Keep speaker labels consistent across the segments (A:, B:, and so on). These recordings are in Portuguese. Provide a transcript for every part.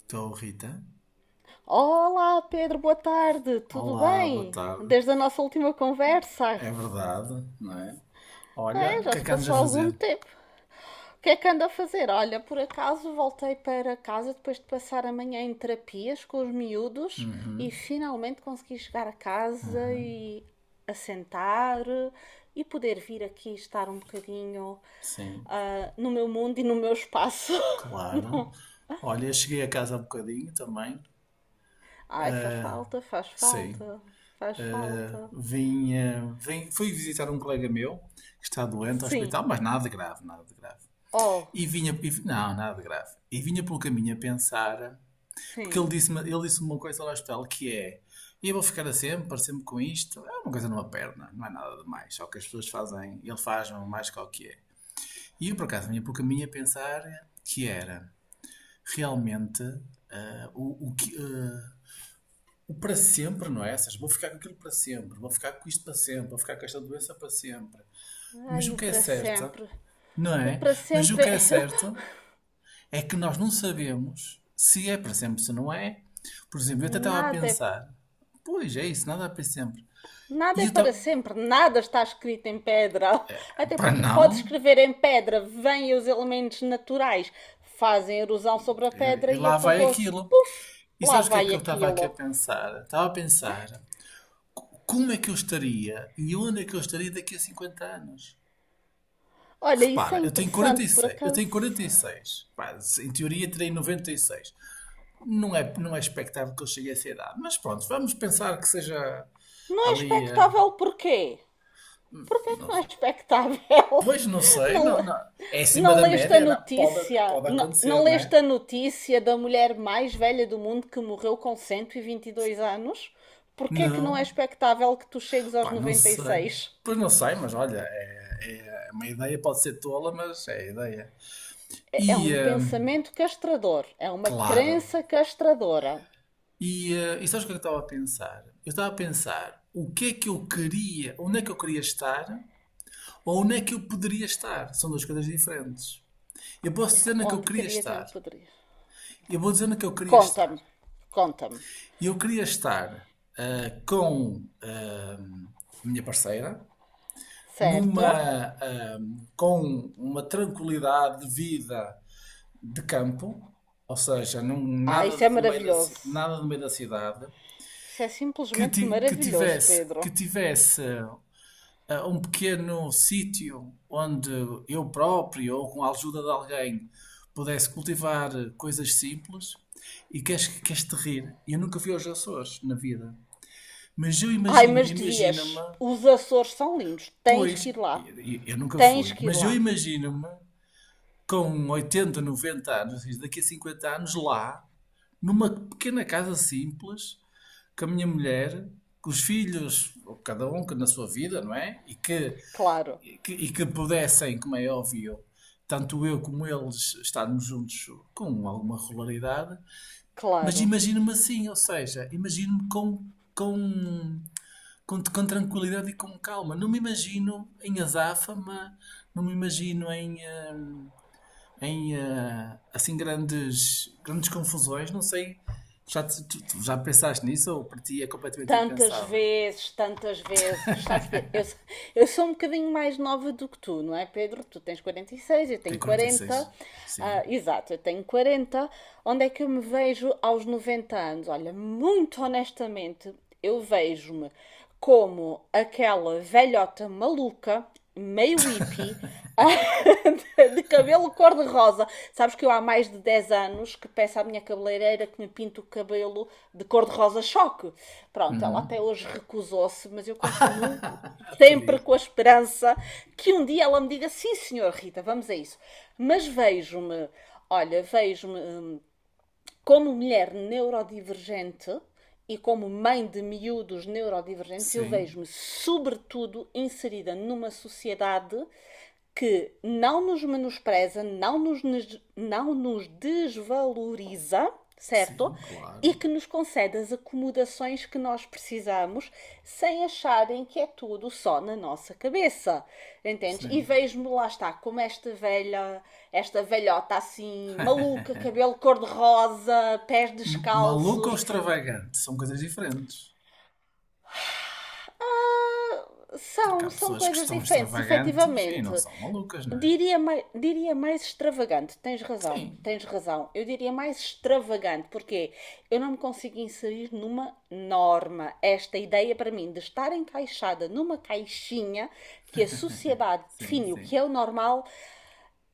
A: Estou, Rita.
B: Olá, Pedro, boa tarde, tudo
A: Olá, boa
B: bem?
A: tarde.
B: Desde a nossa última conversa?
A: É verdade, não é? Olha,
B: É,
A: o
B: já
A: que é
B: se
A: que andas a
B: passou algum
A: fazer?
B: tempo. O que é que anda a fazer? Olha, por acaso voltei para casa depois de passar a manhã em terapias com os miúdos e
A: Uhum,
B: finalmente consegui chegar a casa e assentar e poder vir aqui estar um bocadinho
A: sim,
B: no meu mundo e no meu espaço.
A: claro.
B: Não.
A: Olha, eu cheguei a casa há bocadinho também.
B: Ai, faz falta, faz
A: Sim.
B: falta, faz falta.
A: Fui visitar um colega meu que está doente ao
B: Sim.
A: hospital, mas nada de grave, nada de grave.
B: Oh.
A: E vinha, não, nada de grave. E vinha pelo caminho a pensar. Porque
B: Sim.
A: ele disse uma coisa lá hospital que é. E eu vou ficar a sempre, sempre com isto. É uma coisa numa perna, não é nada demais. Só que as pessoas fazem, ele faz mais que o que é. E eu, por acaso, vinha para o caminho a pensar que era realmente, ah, o, o que. ah, o para sempre, não é? Ou seja, vou ficar com aquilo para sempre, vou ficar com isto para sempre, vou ficar com esta doença para sempre. Mas
B: Ai,
A: o
B: o
A: que é
B: para
A: certo,
B: sempre.
A: não
B: O
A: é?
B: para
A: Mas o
B: sempre
A: que
B: é.
A: é certo é que nós não sabemos se é para sempre, se não é. Por exemplo, eu até estava a
B: Nada é.
A: pensar, pois é isso, nada é para sempre. E
B: Nada é
A: eu
B: para
A: estava,
B: sempre, nada está escrito em pedra. Até
A: para
B: porque tu podes
A: não,
B: escrever em pedra, vêm os elementos naturais, fazem erosão sobre a pedra
A: e
B: e
A: lá vai
B: apagou-se.
A: aquilo.
B: Puf!
A: E
B: Lá
A: sabes o que é
B: vai
A: que eu estava aqui a
B: aquilo.
A: pensar? Estava a pensar como é que eu estaria e onde é que eu estaria daqui a 50 anos.
B: Olha, isso é
A: Repara, eu tenho quarenta e
B: interessante, por
A: seis. Eu tenho
B: acaso.
A: 46. Pá, em teoria terei 96. Não é expectável que eu chegue a essa idade, mas pronto, vamos pensar que seja
B: Não é
A: ali,
B: expectável porquê? Por que é que
A: não-
B: não é expectável?
A: Pois não sei, não,
B: Não,
A: não. É acima
B: não
A: da
B: leste a
A: média, não. Pode,
B: notícia?
A: pode
B: Não,
A: acontecer,
B: não
A: não
B: leste
A: é?
B: a notícia da mulher mais velha do mundo que morreu com cento e vinte e dois anos? Por que é que não é
A: Não,
B: expectável que tu chegues aos
A: pá, não
B: noventa e
A: sei.
B: seis?
A: Pois não sei, mas olha, é uma ideia, pode ser tola, mas é a ideia.
B: É
A: E,
B: um
A: hum,
B: pensamento castrador, é uma
A: Claro.
B: crença castradora.
A: E sabes o que é que eu estava a pensar? Eu estava a pensar o que é que eu queria, onde é que eu queria estar ou onde é que eu poderia estar. São duas coisas diferentes. Eu posso dizer onde é que eu
B: Onde
A: queria
B: querias e
A: estar.
B: onde poderias.
A: Eu vou dizer onde é que eu queria estar.
B: Conta-me, conta-me,
A: E eu queria estar com a minha parceira numa,
B: certo?
A: ah, com uma tranquilidade de vida de campo, ou seja, num,
B: Ah,
A: nada,
B: isso é
A: de meio da,
B: maravilhoso.
A: nada de meio da cidade,
B: Isso é
A: que,
B: simplesmente
A: ti- que
B: maravilhoso,
A: tivesse,
B: Pedro.
A: que tivesse um pequeno sítio onde eu próprio ou com a ajuda de alguém pudesse cultivar coisas simples. E queres, queres te rir? Eu nunca fui aos Açores na vida. Mas eu
B: Ai,
A: imagino,
B: mas
A: imagino-me,
B: devias. Os Açores são lindos. Tens
A: pois,
B: que ir lá.
A: eu, eu nunca
B: Tens
A: fui,
B: que ir
A: mas eu
B: lá.
A: imagino-me com 80, 90 anos, isto daqui a 50 anos, lá, numa pequena casa simples, com a minha mulher, com os filhos, ou cada um que na sua vida, não é? E que,
B: Claro,
A: e que, e que pudessem, como é óbvio, tanto eu como eles estarmos juntos com alguma regularidade, mas
B: claro.
A: imagino-me assim, ou seja, imagino-me com com tranquilidade e com calma. Não me imagino em azáfama, não me imagino hum, em assim grandes, grandes confusões. Não sei, tu já pensaste nisso ou para ti é completamente
B: Tantas
A: impensável?
B: vezes, tantas vezes. Sabes que eu sou um bocadinho mais nova do que tu, não é, Pedro? Tu tens 46, eu
A: Tem
B: tenho
A: quarenta e
B: 40.
A: seis
B: Ah,
A: Sim.
B: exato, eu tenho 40. Onde é que eu me vejo aos 90 anos? Olha, muito honestamente, eu vejo-me como aquela velhota maluca, meio hippie, de cabelo cor-de-rosa. Sabes que eu há mais de 10 anos que peço à minha cabeleireira que me pinte o cabelo de cor-de-rosa choque. Pronto, ela
A: Uhum.
B: até hoje recusou-se, mas eu continuo
A: A
B: sempre
A: pedir.
B: com a esperança que um dia ela me diga sim, senhor Rita, vamos a isso. Mas vejo-me, olha, vejo-me como mulher neurodivergente e como mãe de miúdos neurodivergentes, eu
A: Sim,
B: vejo-me, sobretudo, inserida numa sociedade que não nos menospreza, não nos, não nos desvaloriza, certo?
A: sim,
B: E
A: claro.
B: que nos concede as acomodações que nós precisamos sem acharem que é tudo só na nossa cabeça. Entendes? E
A: Sim.
B: vejo-me lá está, como esta velha, esta velhota assim, maluca, cabelo cor-de-rosa, pés
A: Maluco ou
B: descalços.
A: extravagante são coisas diferentes. Porque
B: São,
A: há
B: são
A: pessoas que
B: coisas
A: são
B: diferentes,
A: extravagantes e
B: efetivamente.
A: não são malucas, não é?
B: Diria mais extravagante, tens razão,
A: Sim,
B: tens razão. Eu diria mais extravagante, porque eu não me consigo inserir numa norma. Esta ideia para mim de estar encaixada numa caixinha que a sociedade
A: sim,
B: define o
A: sim.
B: que é o normal,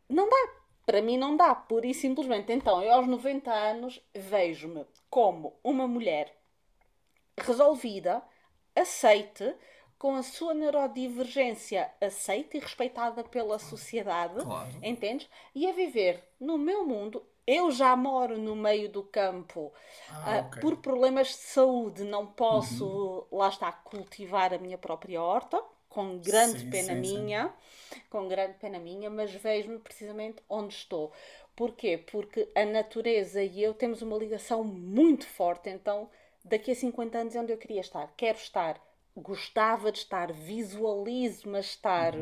B: não dá. Para mim não dá, pura e simplesmente. Então, eu aos 90 anos vejo-me como uma mulher resolvida, aceite, com a sua neurodivergência aceita e respeitada pela
A: Claro,
B: sociedade,
A: claro.
B: entendes? E a viver no meu mundo. Eu já moro no meio do campo.
A: Ah, ok.
B: Por problemas de saúde, não
A: Uhum.
B: posso, lá está, cultivar a minha própria horta, com grande
A: Sim,
B: pena
A: sim, sim.
B: minha, com grande pena minha, mas vejo-me precisamente onde estou. Porquê? Porque a natureza e eu temos uma ligação muito forte, então daqui a 50 anos é onde eu queria estar. Quero estar, gostava de estar, visualizo-me a estar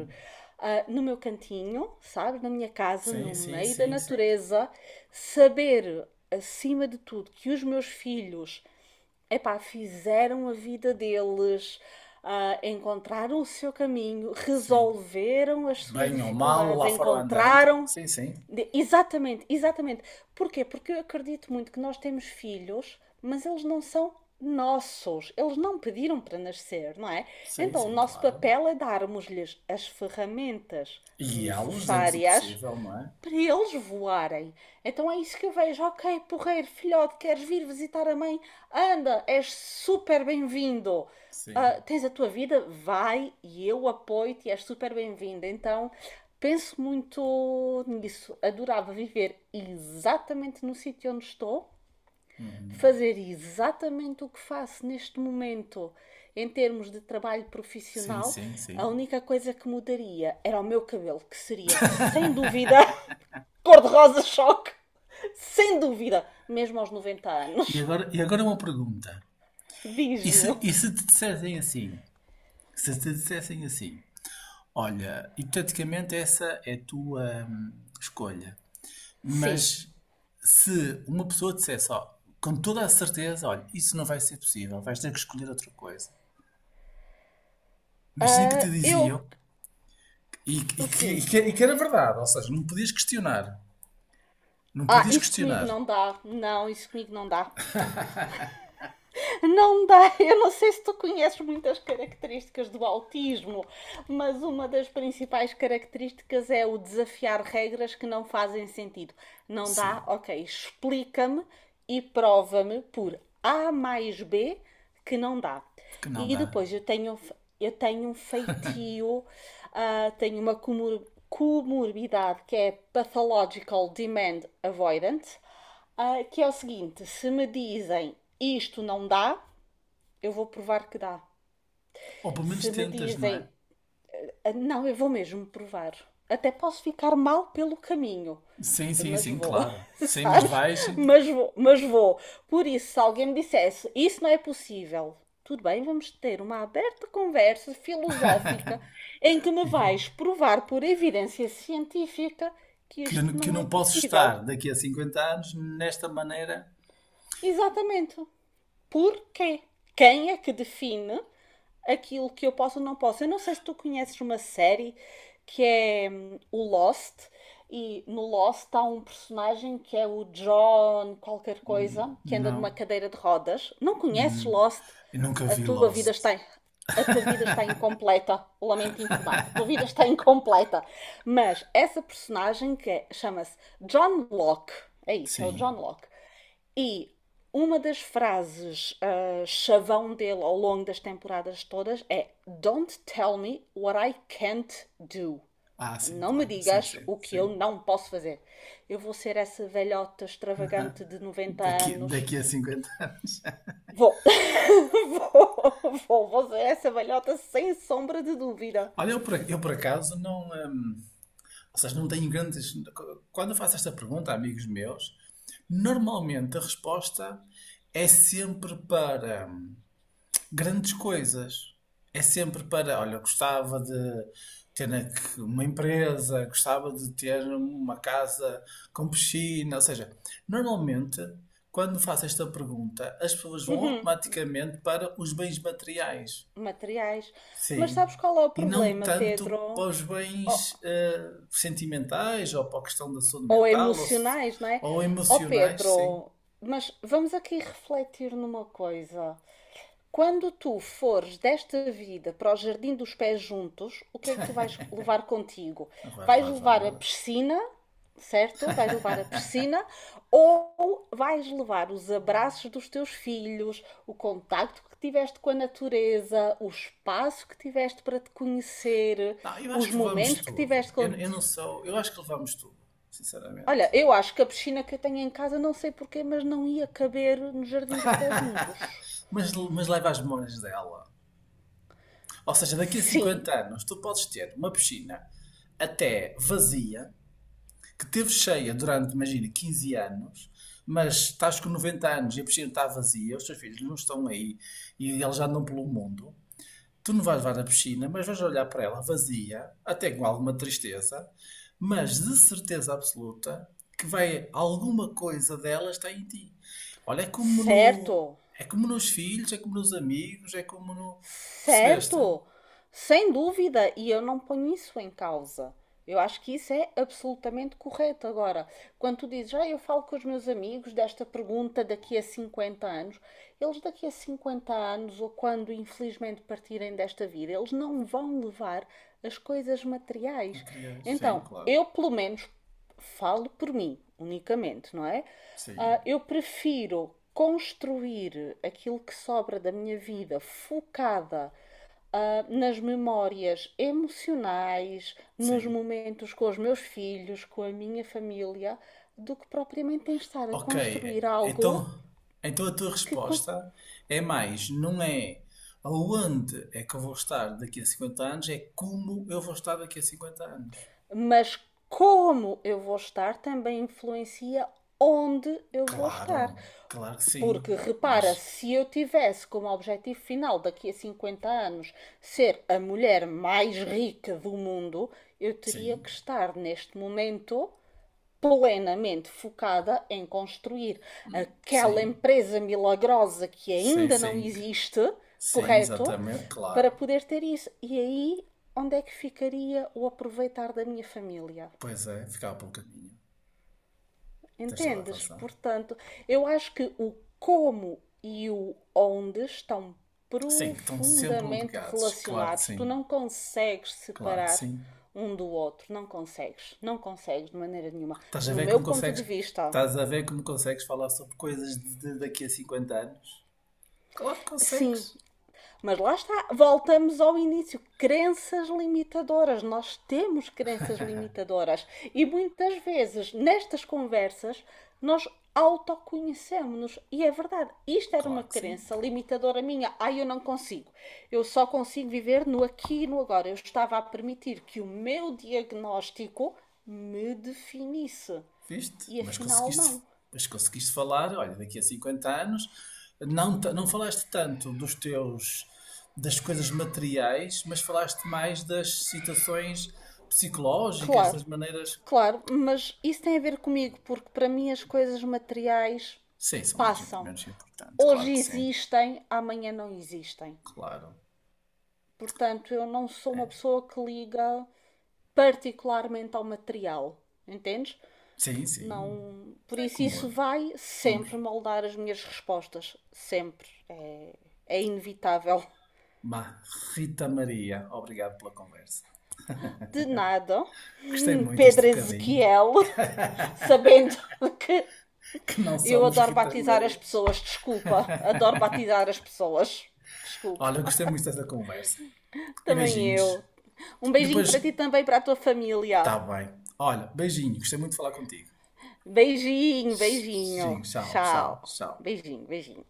B: no meu cantinho, sabe? Na minha casa,
A: Sim,
B: no
A: sim,
B: meio da
A: sim, sim.
B: natureza, saber acima de tudo que os meus filhos, epá, fizeram a vida deles, encontraram o seu caminho,
A: Sim.
B: resolveram as suas
A: Bem ou mal,
B: dificuldades,
A: lá foram andando.
B: encontraram,
A: Sim, sim.
B: de- exatamente, exatamente. Porquê? Porque eu acredito muito que nós temos filhos, mas eles não são nossos. Eles não pediram para nascer, não é?
A: Sim,
B: Então, o
A: sim,
B: nosso
A: claro.
B: papel é darmos-lhes as ferramentas
A: E guiá-los dentro do
B: necessárias
A: possível, não é?
B: para eles voarem. Então é isso que eu vejo. Ok, porreiro, filhote, queres vir visitar a mãe? Anda, és super bem-vindo,
A: Sim.
B: tens a tua vida, vai e eu apoio-te e és super bem-vinda. Então, penso muito nisso. Adorava viver exatamente no sítio onde estou,
A: Uhum.
B: fazer exatamente o que faço neste momento em termos de trabalho
A: Sim,
B: profissional.
A: sim,
B: A
A: sim.
B: única coisa que mudaria era o meu cabelo, que seria sem dúvida cor-de-rosa choque. Sem dúvida, mesmo aos 90
A: E
B: anos.
A: agora, e agora uma pergunta. E
B: Diz-me.
A: se, e se te dissessem assim? Se te dissessem assim, olha, hipoteticamente essa é a tua escolha.
B: Sim.
A: Mas se uma pessoa dissesse, ó, com toda a certeza, olha, isso não vai ser possível, vais ter que escolher outra coisa. Imagina que
B: Ah,
A: te
B: eu.
A: diziam, e, e que, e
B: Sim.
A: que- e que era verdade, ou seja, não podias questionar. Não
B: Ah,
A: podias
B: isso comigo
A: questionar.
B: não dá. Não, isso comigo não dá. Não dá. Eu não sei se tu conheces muitas características do autismo, mas uma das principais características é o desafiar regras que não fazem sentido. Não dá?
A: Sim,
B: Ok, explica-me e prova-me por A mais B que não dá.
A: porque não
B: E
A: dá.
B: depois eu tenho um feitio, tenho uma comorbidade que é Pathological Demand Avoidant, que é o seguinte: se me dizem isto não dá, eu vou provar que dá.
A: Ou pelo menos
B: Se me
A: tentas, não
B: dizem
A: é?
B: "Ah, não", eu vou mesmo provar. Até posso ficar mal pelo caminho,
A: Sim, sim,
B: mas
A: sim,
B: vou,
A: claro. Sim, mas
B: sabes?
A: vais. e-
B: Mas vou, mas vou. Por isso, se alguém me dissesse isso não é possível, tudo bem, vamos ter uma aberta conversa filosófica em que me
A: e vá.
B: vais provar por evidência científica que
A: Que eu, não-
B: isto
A: que eu
B: não é
A: não posso
B: possível.
A: estar daqui a 50 anos nesta maneira.
B: Exatamente. Porquê? Quem é que define aquilo que eu posso ou não posso? Eu não sei se tu conheces uma série que é o Lost, e no Lost há um personagem que é o John qualquer coisa, que anda numa
A: Não.
B: cadeira de rodas. Não conheces
A: Hum.
B: Lost?
A: Eu nunca
B: A
A: vi
B: tua vida
A: Lost.
B: está, a tua vida está incompleta. Lamento informar-te, a tua vida está incompleta. Mas essa personagem chama-se John Locke, é isso, é o
A: Sim.
B: John Locke. E uma das frases chavão dele ao longo das temporadas todas é Don't tell me what I can't do.
A: Ah, sim,
B: Não me
A: claro. Sim,
B: digas
A: sim,
B: o que eu
A: sim.
B: não posso fazer. Eu vou ser essa velhota extravagante de 90
A: Daqui,
B: anos.
A: daqui a cinquenta anos.
B: Vou. Vou, vou, vou ser essa velhota sem sombra de dúvida.
A: Olha, eu por acaso não. Ou seja, não tenho grandes. Quando eu faço esta pergunta a amigos meus, normalmente a resposta é sempre para grandes coisas. É sempre para, olha, gostava de ter aqui uma empresa, gostava de ter uma casa com piscina. Ou seja, normalmente, quando faço esta pergunta, as pessoas vão automaticamente para os bens materiais.
B: Materiais. Mas
A: Sim.
B: sabes qual é o
A: E não
B: problema, Pedro?
A: tanto para os
B: Oh,
A: bens sentimentais ou para a questão da saúde
B: ou
A: mental ou,
B: emocionais, não é?
A: ou
B: Ó
A: emocionais, sim.
B: Pedro, mas vamos aqui refletir numa coisa. Quando tu fores desta vida para o Jardim dos Pés Juntos, o que é que tu vais levar contigo?
A: Vá,
B: Vais
A: vá, vá.
B: levar a piscina, certo? Vais levar a piscina ou vais levar os abraços dos teus filhos, o contacto que tiveste com a natureza, o espaço que tiveste para te conhecer,
A: Não, eu acho
B: os
A: que levamos
B: momentos que
A: tudo.
B: tiveste
A: Eu
B: contigo.
A: não sou. Eu acho que levamos tudo, sinceramente.
B: Olha, eu acho que a piscina que eu tenho em casa, não sei porquê, mas não ia caber no jardim dos pés juntos.
A: Mas leva as memórias dela. Ou seja, daqui a
B: Sim,
A: 50 anos tu podes ter uma piscina até vazia, que teve cheia durante, imagina, 15 anos, mas estás com 90 anos e a piscina está vazia, os teus filhos não estão aí e eles já andam pelo mundo. Tu não vais levar na piscina, mas vais olhar para ela vazia, até com alguma tristeza, mas de certeza absoluta que vai alguma coisa dela está em ti. Olha, é como no,
B: certo,
A: é como nos filhos, é como nos amigos, é como no, percebeste?
B: certo, sem dúvida, e eu não ponho isso em causa. Eu acho que isso é absolutamente correto. Agora, quando tu dizes, ah, eu falo com os meus amigos desta pergunta daqui a 50 anos, eles daqui a 50 anos, ou quando infelizmente partirem desta vida, eles não vão levar as coisas materiais.
A: Materiais, sim,
B: Então,
A: claro.
B: eu pelo menos falo por mim unicamente, não é?
A: Sim,
B: Eu prefiro construir aquilo que sobra da minha vida focada, nas memórias emocionais, nos
A: sim.
B: momentos com os meus filhos, com a minha família, do que propriamente em estar a
A: Ok,
B: construir
A: é-
B: algo
A: então, então a tua
B: que quando,
A: resposta é mais, não é aonde é que eu vou estar daqui a 50 anos, é como eu vou estar daqui a 50 anos.
B: mas como eu vou estar também influencia onde eu vou
A: Claro,
B: estar.
A: claro que sim,
B: Porque
A: mas
B: repara, se eu tivesse como objetivo final daqui a 50 anos ser a mulher mais rica do mundo, eu teria
A: sim,
B: que estar neste momento plenamente focada em construir aquela
A: sim,
B: empresa milagrosa que
A: sim,
B: ainda não
A: sim,
B: existe,
A: sim,
B: correto?
A: exatamente,
B: Para
A: claro.
B: poder ter isso. E aí, onde é que ficaria o aproveitar da minha família?
A: Pois é, ficava pelo caminho, tens toda a
B: Entendes?
A: razão.
B: Portanto, eu acho que o como e o onde estão
A: Sim, que estão sempre
B: profundamente
A: ligados, claro que
B: relacionados. Tu
A: sim,
B: não consegues
A: claro que
B: separar
A: sim.
B: um do outro, não consegues, não consegues de maneira nenhuma.
A: Estás a
B: No
A: ver
B: meu
A: como
B: ponto de
A: consegues,
B: vista,
A: estás a ver como consegues falar sobre coisas de daqui a 50 anos? Claro que consegues,
B: sim. Mas lá está, voltamos ao início. Crenças limitadoras. Nós temos crenças limitadoras. E muitas vezes, nestas conversas, nós autoconhecemos-nos. E é verdade, isto era uma
A: claro que sim.
B: crença limitadora minha. Ah, eu não consigo. Eu só consigo viver no aqui e no agora. Eu estava a permitir que o meu diagnóstico me definisse.
A: Viste?
B: E afinal, não.
A: Mas conseguiste falar, olha, daqui a 50 anos, não, não falaste tanto das coisas materiais, mas falaste mais das situações psicológicas,
B: Claro,
A: das maneiras.
B: claro, mas isso tem a ver comigo, porque para mim as coisas materiais
A: Sim, são mais
B: passam.
A: menos importantes, claro
B: Hoje
A: que sim,
B: existem, amanhã não existem.
A: claro.
B: Portanto, eu não sou
A: É.
B: uma pessoa que liga particularmente ao material, entendes?
A: Sim, sim,
B: Não, por
A: é
B: isso
A: como
B: isso
A: eu.
B: vai
A: Somos
B: sempre moldar as minhas respostas, sempre. É, é inevitável.
A: uma Rita Maria. Obrigado pela conversa.
B: De nada,
A: Gostei muito deste
B: Pedro
A: bocadinho,
B: Ezequiel, sabendo que
A: que não
B: eu
A: somos
B: adoro
A: Ritas
B: batizar as
A: Marias.
B: pessoas, desculpa. Adoro batizar as pessoas. Desculpa.
A: Olha, gostei muito desta conversa. E
B: Também
A: beijinhos.
B: eu. Um
A: E
B: beijinho para ti
A: depois,
B: também, para a tua família.
A: tá bem. Olha, beijinho, gostei muito de falar contigo.
B: Beijinho, beijinho.
A: Beijinho, tchau, tchau,
B: Tchau.
A: tchau.
B: Beijinho, beijinho.